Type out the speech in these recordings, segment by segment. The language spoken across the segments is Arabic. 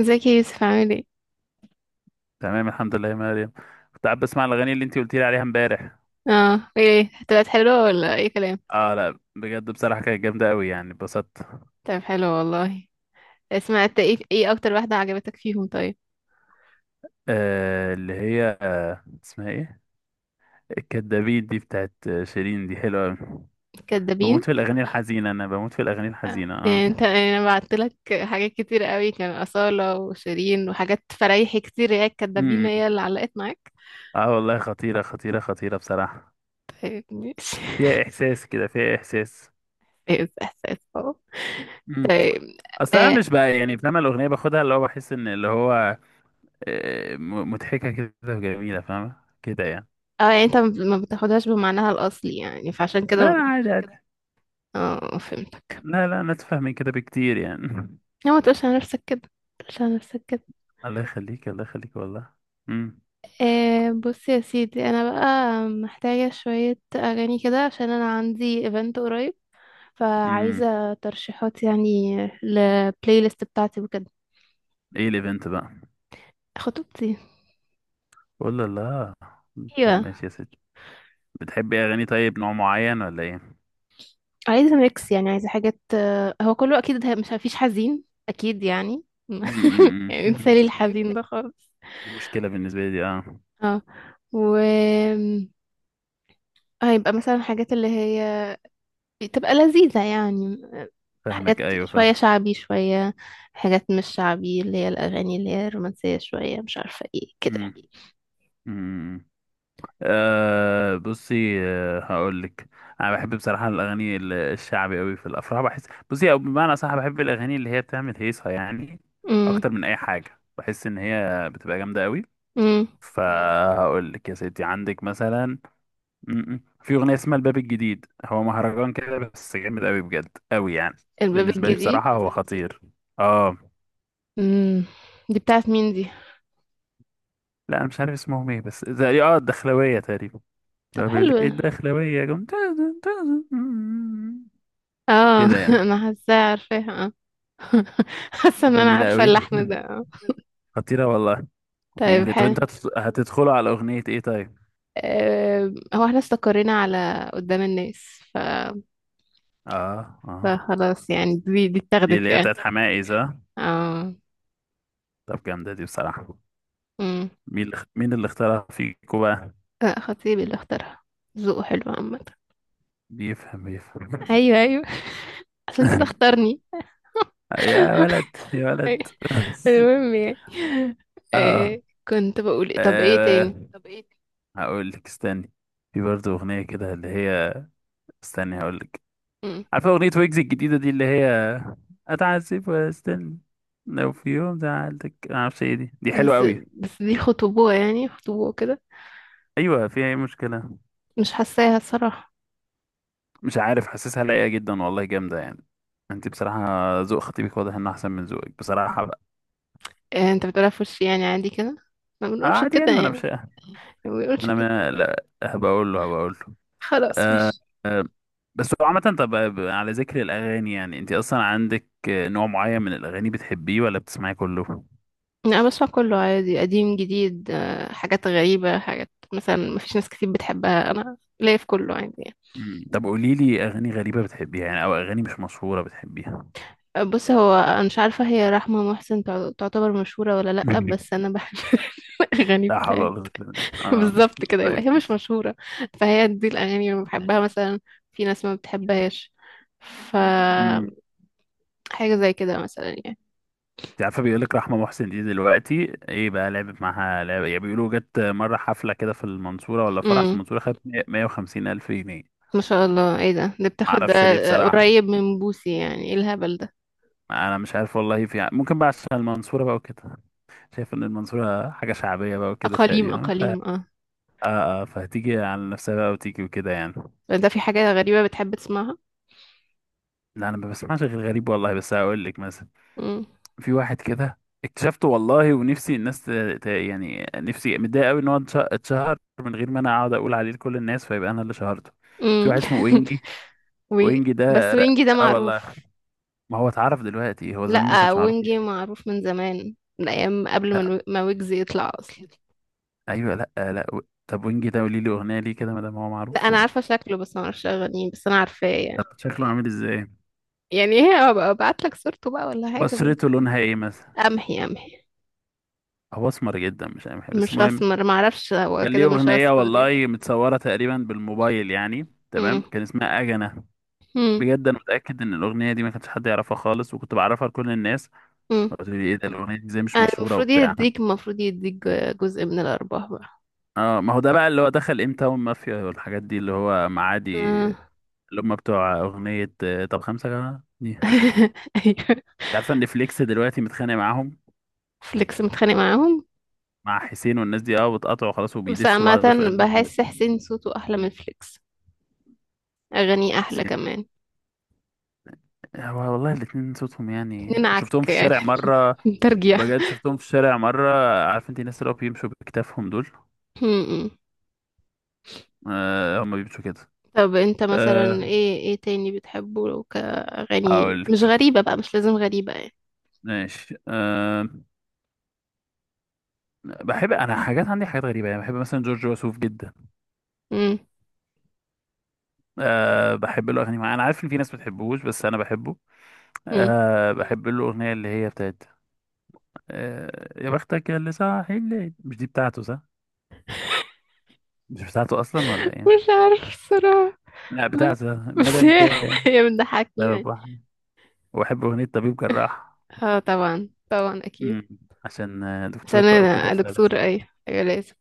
ازيك يا يوسف، عامل ايه؟ تمام الحمد لله يا مريم. كنت قاعد بسمع الاغاني اللي انت قلت لي عليها امبارح. اه، ايه، طلعت حلوة ولا اي كلام؟ اه لا بجد بصراحه كانت جامده قوي يعني اتبسطت. طب حلو والله. سمعت ايه اكتر واحدة عجبتك فيهم طيب؟ اللي هي اسمها ايه؟ الكدابين دي بتاعت شيرين، دي حلوه قوي. كدابين؟ بموت في الاغاني الحزينه انا بموت في الاغاني آه. الحزينه اه. إيه انت، انا بعت لك حاجات كتير قوي. كان أصالة وشيرين وحاجات فريحي كتير. هي الكدابين امم هي اللي علقت معاك؟ اه والله، خطيره خطيره خطيره بصراحه. طيب ماشي. فيها احساس كده، فيها احساس. إيه احساس؟ اه. امم طيب. اصل انا اه. مش بقى يعني فاهمه الاغنيه، باخدها اللي هو بحس ان اللي هو آه، مضحكه كده وجميله، فاهمه كده يعني. آه، يعني انت ما بتاخدهاش بمعناها الاصلي يعني فعشان لا لا كده. عادي. اه فهمتك. لا لا انا اتفهم من كده بكتير يعني. لا، ما تقولش على نفسك كده، ما تقولش على نفسك كده. الله يخليك الله يخليك والله. امم. آه بص يا سيدي، انا بقى محتاجة شوية اغاني كده عشان انا عندي ايفنت قريب. امم. فعايزة ترشيحات يعني، للبلاي ليست بتاعتي وكده. ايه الايفنت بقى؟ خطوبتي. ولا لا؟ ايوه. طب ماشي يا ستي، بتحبي اغاني طيب نوع معين ولا ايه؟ عايزة ميكس يعني، عايزة حاجات، هو كله اكيد مش، مفيش حزين اكيد يعني. مم، مم، يعني انسالي مم. الحزين ده خالص. دي مشكلة بالنسبة لي دي اه. اه. و هيبقى مثلا حاجات اللي هي بتبقى لذيذة يعني. فاهمك، حاجات، ايوه فاهم. شوية شعبي، شوية حاجات مش شعبي، اللي هي الأغاني اللي هي الرومانسية شوية، مش عارفة ايه كده. مم، مم، مم. آه بصي، آه هقول لك. انا بحب بصراحة الاغاني الشعبي قوي في الافراح بحس. بصي، او بمعنى صح، بحب الاغاني اللي هي بتعمل هيصة يعني. امم اكتر من اي حاجة بحس ان هي بتبقى جامدة قوي. امم فهقول لك يا ستي، عندك مثلا م- م. في اغنيه اسمها الباب الجديد. هو مهرجان كده بس جامد قوي بجد، قوي يعني. الباب بالنسبه لي الجديد. بصراحه هو خطير. اه. امم دي بتاعت مين دي؟ لا انا مش عارف اسمهم ايه، بس زي اه الدخلويه تقريبا. طب لو بيقول حلو لك ايه ده. الدخلويه جم تازن تازن اه. كده يعني. انا حاساها، عارفاها آه. حاسه دي ان انا جميله عارفه قوي، اللحن ده آه. خطيره والله. طيب وممكن طب انت حلو. هتدخلوا على اغنيه ايه طيب؟ هو احنا استقرينا على قدام الناس اه اه. فخلاص يعني دي دي اللي اتاخدت هي يعني. بتاعت حماقي صح؟ اه. طب جامده دي بصراحه. مم. مين اللي اختارها فيكوا بقى؟ لا، خطيبي اللي اختارها. ذوقه حلو عامة. بيفهم بيفهم. ايوه ايوه. عشان كده اختارني. يا ولد يا ولد. المهم يعني. آه. اه. كنت بقول طب ايه آه، تاني؟ هقول لك استني. في برضه اغنيه كده اللي هي، استني هقول لك. مم. عارفه اغنيه ويجز الجديده دي اللي هي اتعذب واستنى، لو في يوم زعلتك ما اعرفش ايه دي، دي حلوه بس. قوي. بس دي خطوبة يعني، خطوبة كده. ايوه فيها ايه مشكله؟ مش حاساها الصراحة. مش عارف، حاسسها لايقه جدا والله، جامده يعني. انت بصراحه ذوق خطيبك واضح انه احسن من ذوقك بصراحه بقى. آه، انت بتقولها في وشي يعني، عادي كده؟ ما آه، بنقولش عادي كده يعني، ما انا يعني. مش. ما بنقولش انا كده. ما لا هبقى اقول له، هبقى اقول له. خلاص آه. ماشي. آه، بس هو عامة، طب على ذكر الأغاني يعني، أنت أصلا عندك نوع معين من الأغاني بتحبيه ولا بتسمعي كله؟ انا بسمع كله عادي، قديم جديد آه، حاجات غريبة، حاجات مثلا ما فيش ناس كتير بتحبها، انا ليا في كله عادي يعني. مم. طب قولي لي أغاني غريبة بتحبيها يعني، أو أغاني مش مشهورة بتحبيها. بص، هو انا مش عارفه هي رحمه محسن تعتبر مشهوره ولا لا، مم. بس انا بحب الاغاني لا حول بتاعتها. ولا قوة إلا بالله اه. بالظبط كده، يبقى طيب هي مش ماشي. مشهوره. فهي دي الاغاني اللي بحبها مثلا، في ناس ما بتحبهاش، ف مم. حاجه زي كده مثلا يعني. أنت عارفة، بيقول لك رحمة محسن دي دلوقتي إيه بقى لعبت معاها لعبة يعني، بيقولوا جت مرة حفلة كده في المنصورة ولا فرح في امم. المنصورة، خدت 150 ألف جنيه. ما شاء الله، ايه ده؟ ده بتاخد آه. معرفش ليه آه، بصراحة. قريب من بوسي يعني؟ ايه الهبل ده؟ أنا مش عارف والله، في ممكن بقى عشان المنصورة بقى وكده. شايف ان المنصورة حاجة شعبية بقى وكده اقاليم تقريبا، ف... آه. اقاليم اه. آه فهتيجي على نفسها بقى وتيجي وكده يعني. ده في حاجه غريبه بتحب تسمعها؟ لا انا ما بسمعش غير غريب والله، بس هقول لك مثلا. امم. في واحد كده اكتشفته والله، ونفسي الناس يعني نفسي متضايق قوي ان هو اتشهر من غير ما انا اقعد اقول عليه لكل الناس، فيبقى انا اللي شهرته. في امم. واحد اسمه وينجي. وي... وينجي ده بس ر- وينجي ده اه والله، معروف. ما هو اتعرف دلوقتي، هو زمان ما لا، كانش معروف وينجي يعني. معروف من زمان، من ايام قبل ما لا. ويجز يطلع اصلا. ايوه ايوه، لا آه، لا طب وينجي ده قولي لي اغنية ليه كده ما دام هو لا معروف. انا عارفه شكله بس ما اعرفش اغانيه، بس انا عارفاه يعني. طب شكله عامل ازاي؟ يعني ايه؟ أبقى ابعت لك صورته بقى ولا حاجه بشرته بس. لونها ايه مثلا؟ امحي امحي. هو اسمر جدا مش عارف إيه. بس مش المهم، اسمر، ما اعرفش، هو كان ليه كده مش اغنيه اسمر يعني. والله متصوره تقريبا بالموبايل يعني، تمام، امم. كان اسمها اجنه. امم. بجد انا متاكد ان الاغنيه دي ما كانش حد يعرفها خالص، وكنت بعرفها لكل الناس. امم. قلت لي ايه ده الاغنيه دي ازاي مش أنا مشهوره المفروض وبتاع. يديك المفروض يديك جزء من الارباح بقى. اه، ما هو ده بقى اللي هو دخل ام تاون مافيا والحاجات دي اللي هو معادي. آه. اللي هم بتوع اغنيه آه، طب خمسه كمان دي. انت ايوه. عارفه ان فليكس دلوقتي متخانق معاهم؟ فليكس متخانق معاهم؟ مع حسين والناس دي اه، بتقطعوا خلاص بس وبيدسوا عامه، بعض في اغنيه. بحس حسين صوته احلى من فليكس، اغانيه احلى حسين. كمان. آه، والله الاتنين صوتهم يعني، ننعك شفتهم في يعني، الشارع مرة. ترجيع. بجد شفتهم في الشارع مرة. عارف انت الناس اللي هو بيمشوا بكتافهم دول؟ م-م. آه، هم بيمشوا كده. طب انت مثلا آه ايه تاني بتحبه؟ لو كأغاني مش هقولك، غريبة بقى، مش لازم غريبة يعني. ماشي آه. بحب انا حاجات، عندي حاجات غريبة يعني، بحب مثلا جورج وسوف جدا. م- آه بحب له اغاني معينة. انا عارف ان في ناس بتحبوش، بس انا بحبه. م. آه بحب له اغنية اللي هي بتاعت آه يا بختك يا اللي صاحي الليل. مش دي بتاعته صح؟ مش بتاعته اصلا ولا ايه؟ مش عارف الصراحة. لا ما- بتاعته بس مادام هي كان هي بتضحكني سبب يعني. واحد. وبحب اغنية طبيب جراح. اه طبعا طبعا اكيد. امم. عشان آه، دكتور عشان بقى وكده. انا دكتور، اي أيوة لازم.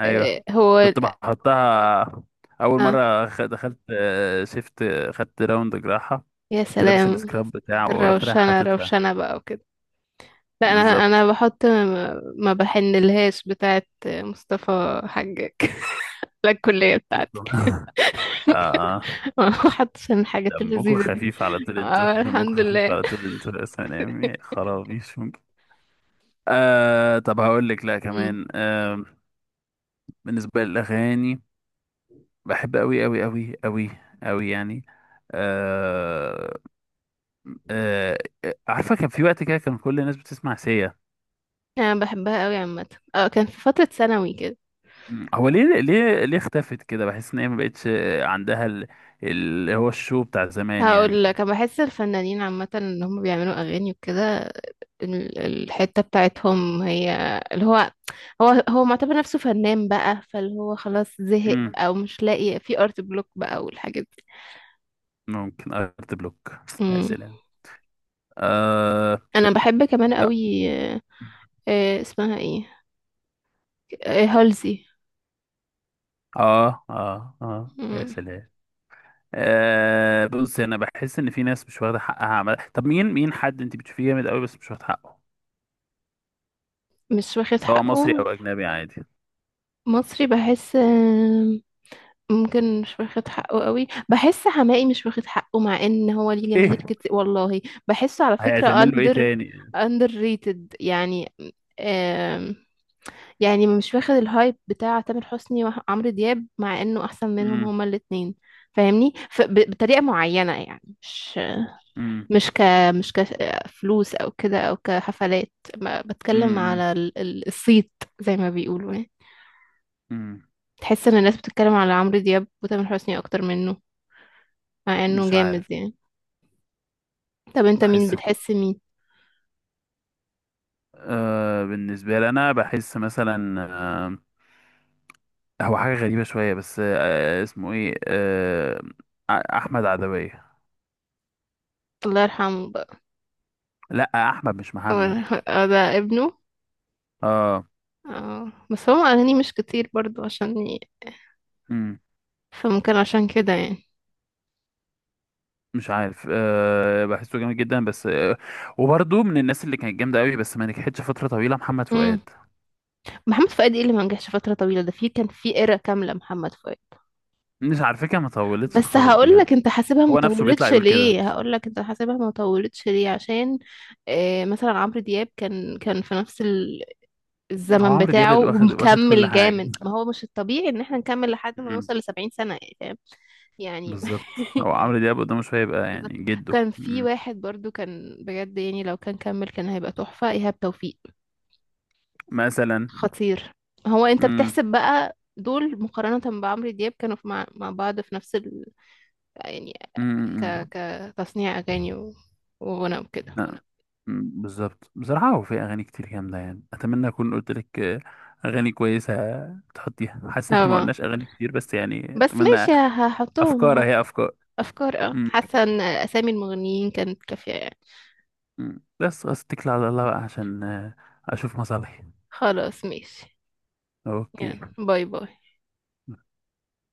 ايوه. إيه هو كنت بحطها اول اه مره دخلت آه، شفت آه، خدت راوند جراحه. يا كنت لابس سلام. السكراب بتاعه ورحت رايح الروشنة حاططها. روشنة بقى وكده. لا انا، انا بالظبط. بحط ما بحنلهاش بتاعت مصطفى حجاج للكلية بتاعتي. اه اه. وحط عشان الحاجات دمكم اللذيذة دي. خفيف على طول انتوا، اه دمكم الحمد خفيف لله. على طول انتوا، يا سلام يا خرابيش ممكن. آه طب هقول لك لا مم. كمان آه، بالنسبه للاغاني، بحب قوي قوي قوي قوي قوي يعني. آه آه. آه، عارفه كان في وقت كده كان كل الناس بتسمع سيا. انا بحبها قوي عامة. اه، كان في فترة ثانوي كده. مم. هو ليه ليه ليه اختفت كده، بحس ان هي ما بقتش عندها اللي هو الشو بتاع زمان يعني. هقول لك، انا بحس الفنانين عامة ان هم بيعملوا اغاني وكده، الحتة بتاعتهم هي اللي هو، هو معتبر نفسه فنان بقى، فاللي هو خلاص زهق مم. او مش لاقي، في ارت بلوك بقى والحاجات دي. ممكن ارت بلوك. يا مم. سلام آه. انا بحب كمان يا- قوي. آه. آه، اسمها ايه؟ هالزي. اه اه اه، يا مم. سلام. آه بص، انا بحس ان في ناس مش واخده حقها عمل. طب مين، مين حد انت بتشوفيه جامد قوي بس مش واخد حقه؟ مش واخد سواء مصري او حقه. اجنبي عادي. مصري بحس، ممكن مش واخد حقه قوي. بحس حماقي مش واخد حقه مع ان هو ليه جماهير ايه كتير والله. بحسه على فكرة هيتعمل له ايه under، تاني؟ under rated يعني. آم، يعني مش واخد الهايب بتاع تامر حسني وعمرو دياب مع انه احسن منهم امم. هما الاتنين. فاهمني بطريقة معينة يعني، امم. مش ك مش كفلوس او كده او كحفلات، ما بتكلم على الصيت زي ما بيقولوا يعني. امم. تحس ان الناس بتتكلم على عمرو دياب وتامر حسني اكتر منه، مع انه مش جامد عارف. يعني. طب انت مين بحس بتحس؟ مين؟ آه بالنسبة لي، أنا بحس مثلا آه، هو حاجة غريبة شوية بس آه اسمه إيه آه، أحمد عدوية. الله يرحمه بقى. لأ أحمد مش الله محمد. يرحمه. اه، ده ابنه. آه. اه بس هو اغانيه مش كتير برضو عشان مم. فممكن عشان كده يعني. مش عارف آه، بحسه جامد جدا بس آه. وبرضه من الناس اللي كانت جامدة أوي بس ما نجحتش فترة طويلة، محمد امم. فؤاد. محمد فؤاد؟ ايه اللي ما نجحش فتره طويله ده؟ في، كان في ايرا كامله محمد فؤاد. مش على فكرة، ما طولتش بس خالص هقول بجد. لك، انت حاسبها ما هو نفسه بيطلع طولتش يقول كده. ليه؟ هقول لك انت حاسبها ما طولتش ليه. عشان مثلا عمرو دياب كان في نفس هو الزمن عمرو دياب بتاعه اللي واخد واخد كل ومكمل حاجة. جامد. ما هو مش الطبيعي ان احنا نكمل لحد ما مم. نوصل لـ70 سنة يعني، فاهم؟ يعني. بالظبط، هو يعني. عمرو دياب قدامه شوية، يبقى بالظبط. يعني جده. كان في مم. واحد برضو كان بجد، يعني لو كان كمل كان هيبقى تحفة، إيهاب توفيق. مثلا. خطير. هو انت مم. بتحسب بقى دول مقارنة بعمرو دياب؟ كانوا في مع بعض في نفس يعني، امم. كتصنيع أغاني وغنى وكده. لا. أمم، بالظبط بصراحة، هو في أغاني كتير جامدة يعني. أتمنى أكون قلت لك آه، أغاني كويسة تحطيها. حاسس إن إحنا ما طبعا. قلناش أغاني كتير بس يعني، بس أتمنى. ماشي، أفكار، هحط هي أفكار. أفكار. اه أمم، حاسة ان أسامي المغنيين كانت كافية يعني. أمم. بس خلاص، أتكل على الله بقى عشان آه، أشوف مصالحي. خلاص ماشي. يلا أوكي. باي باي.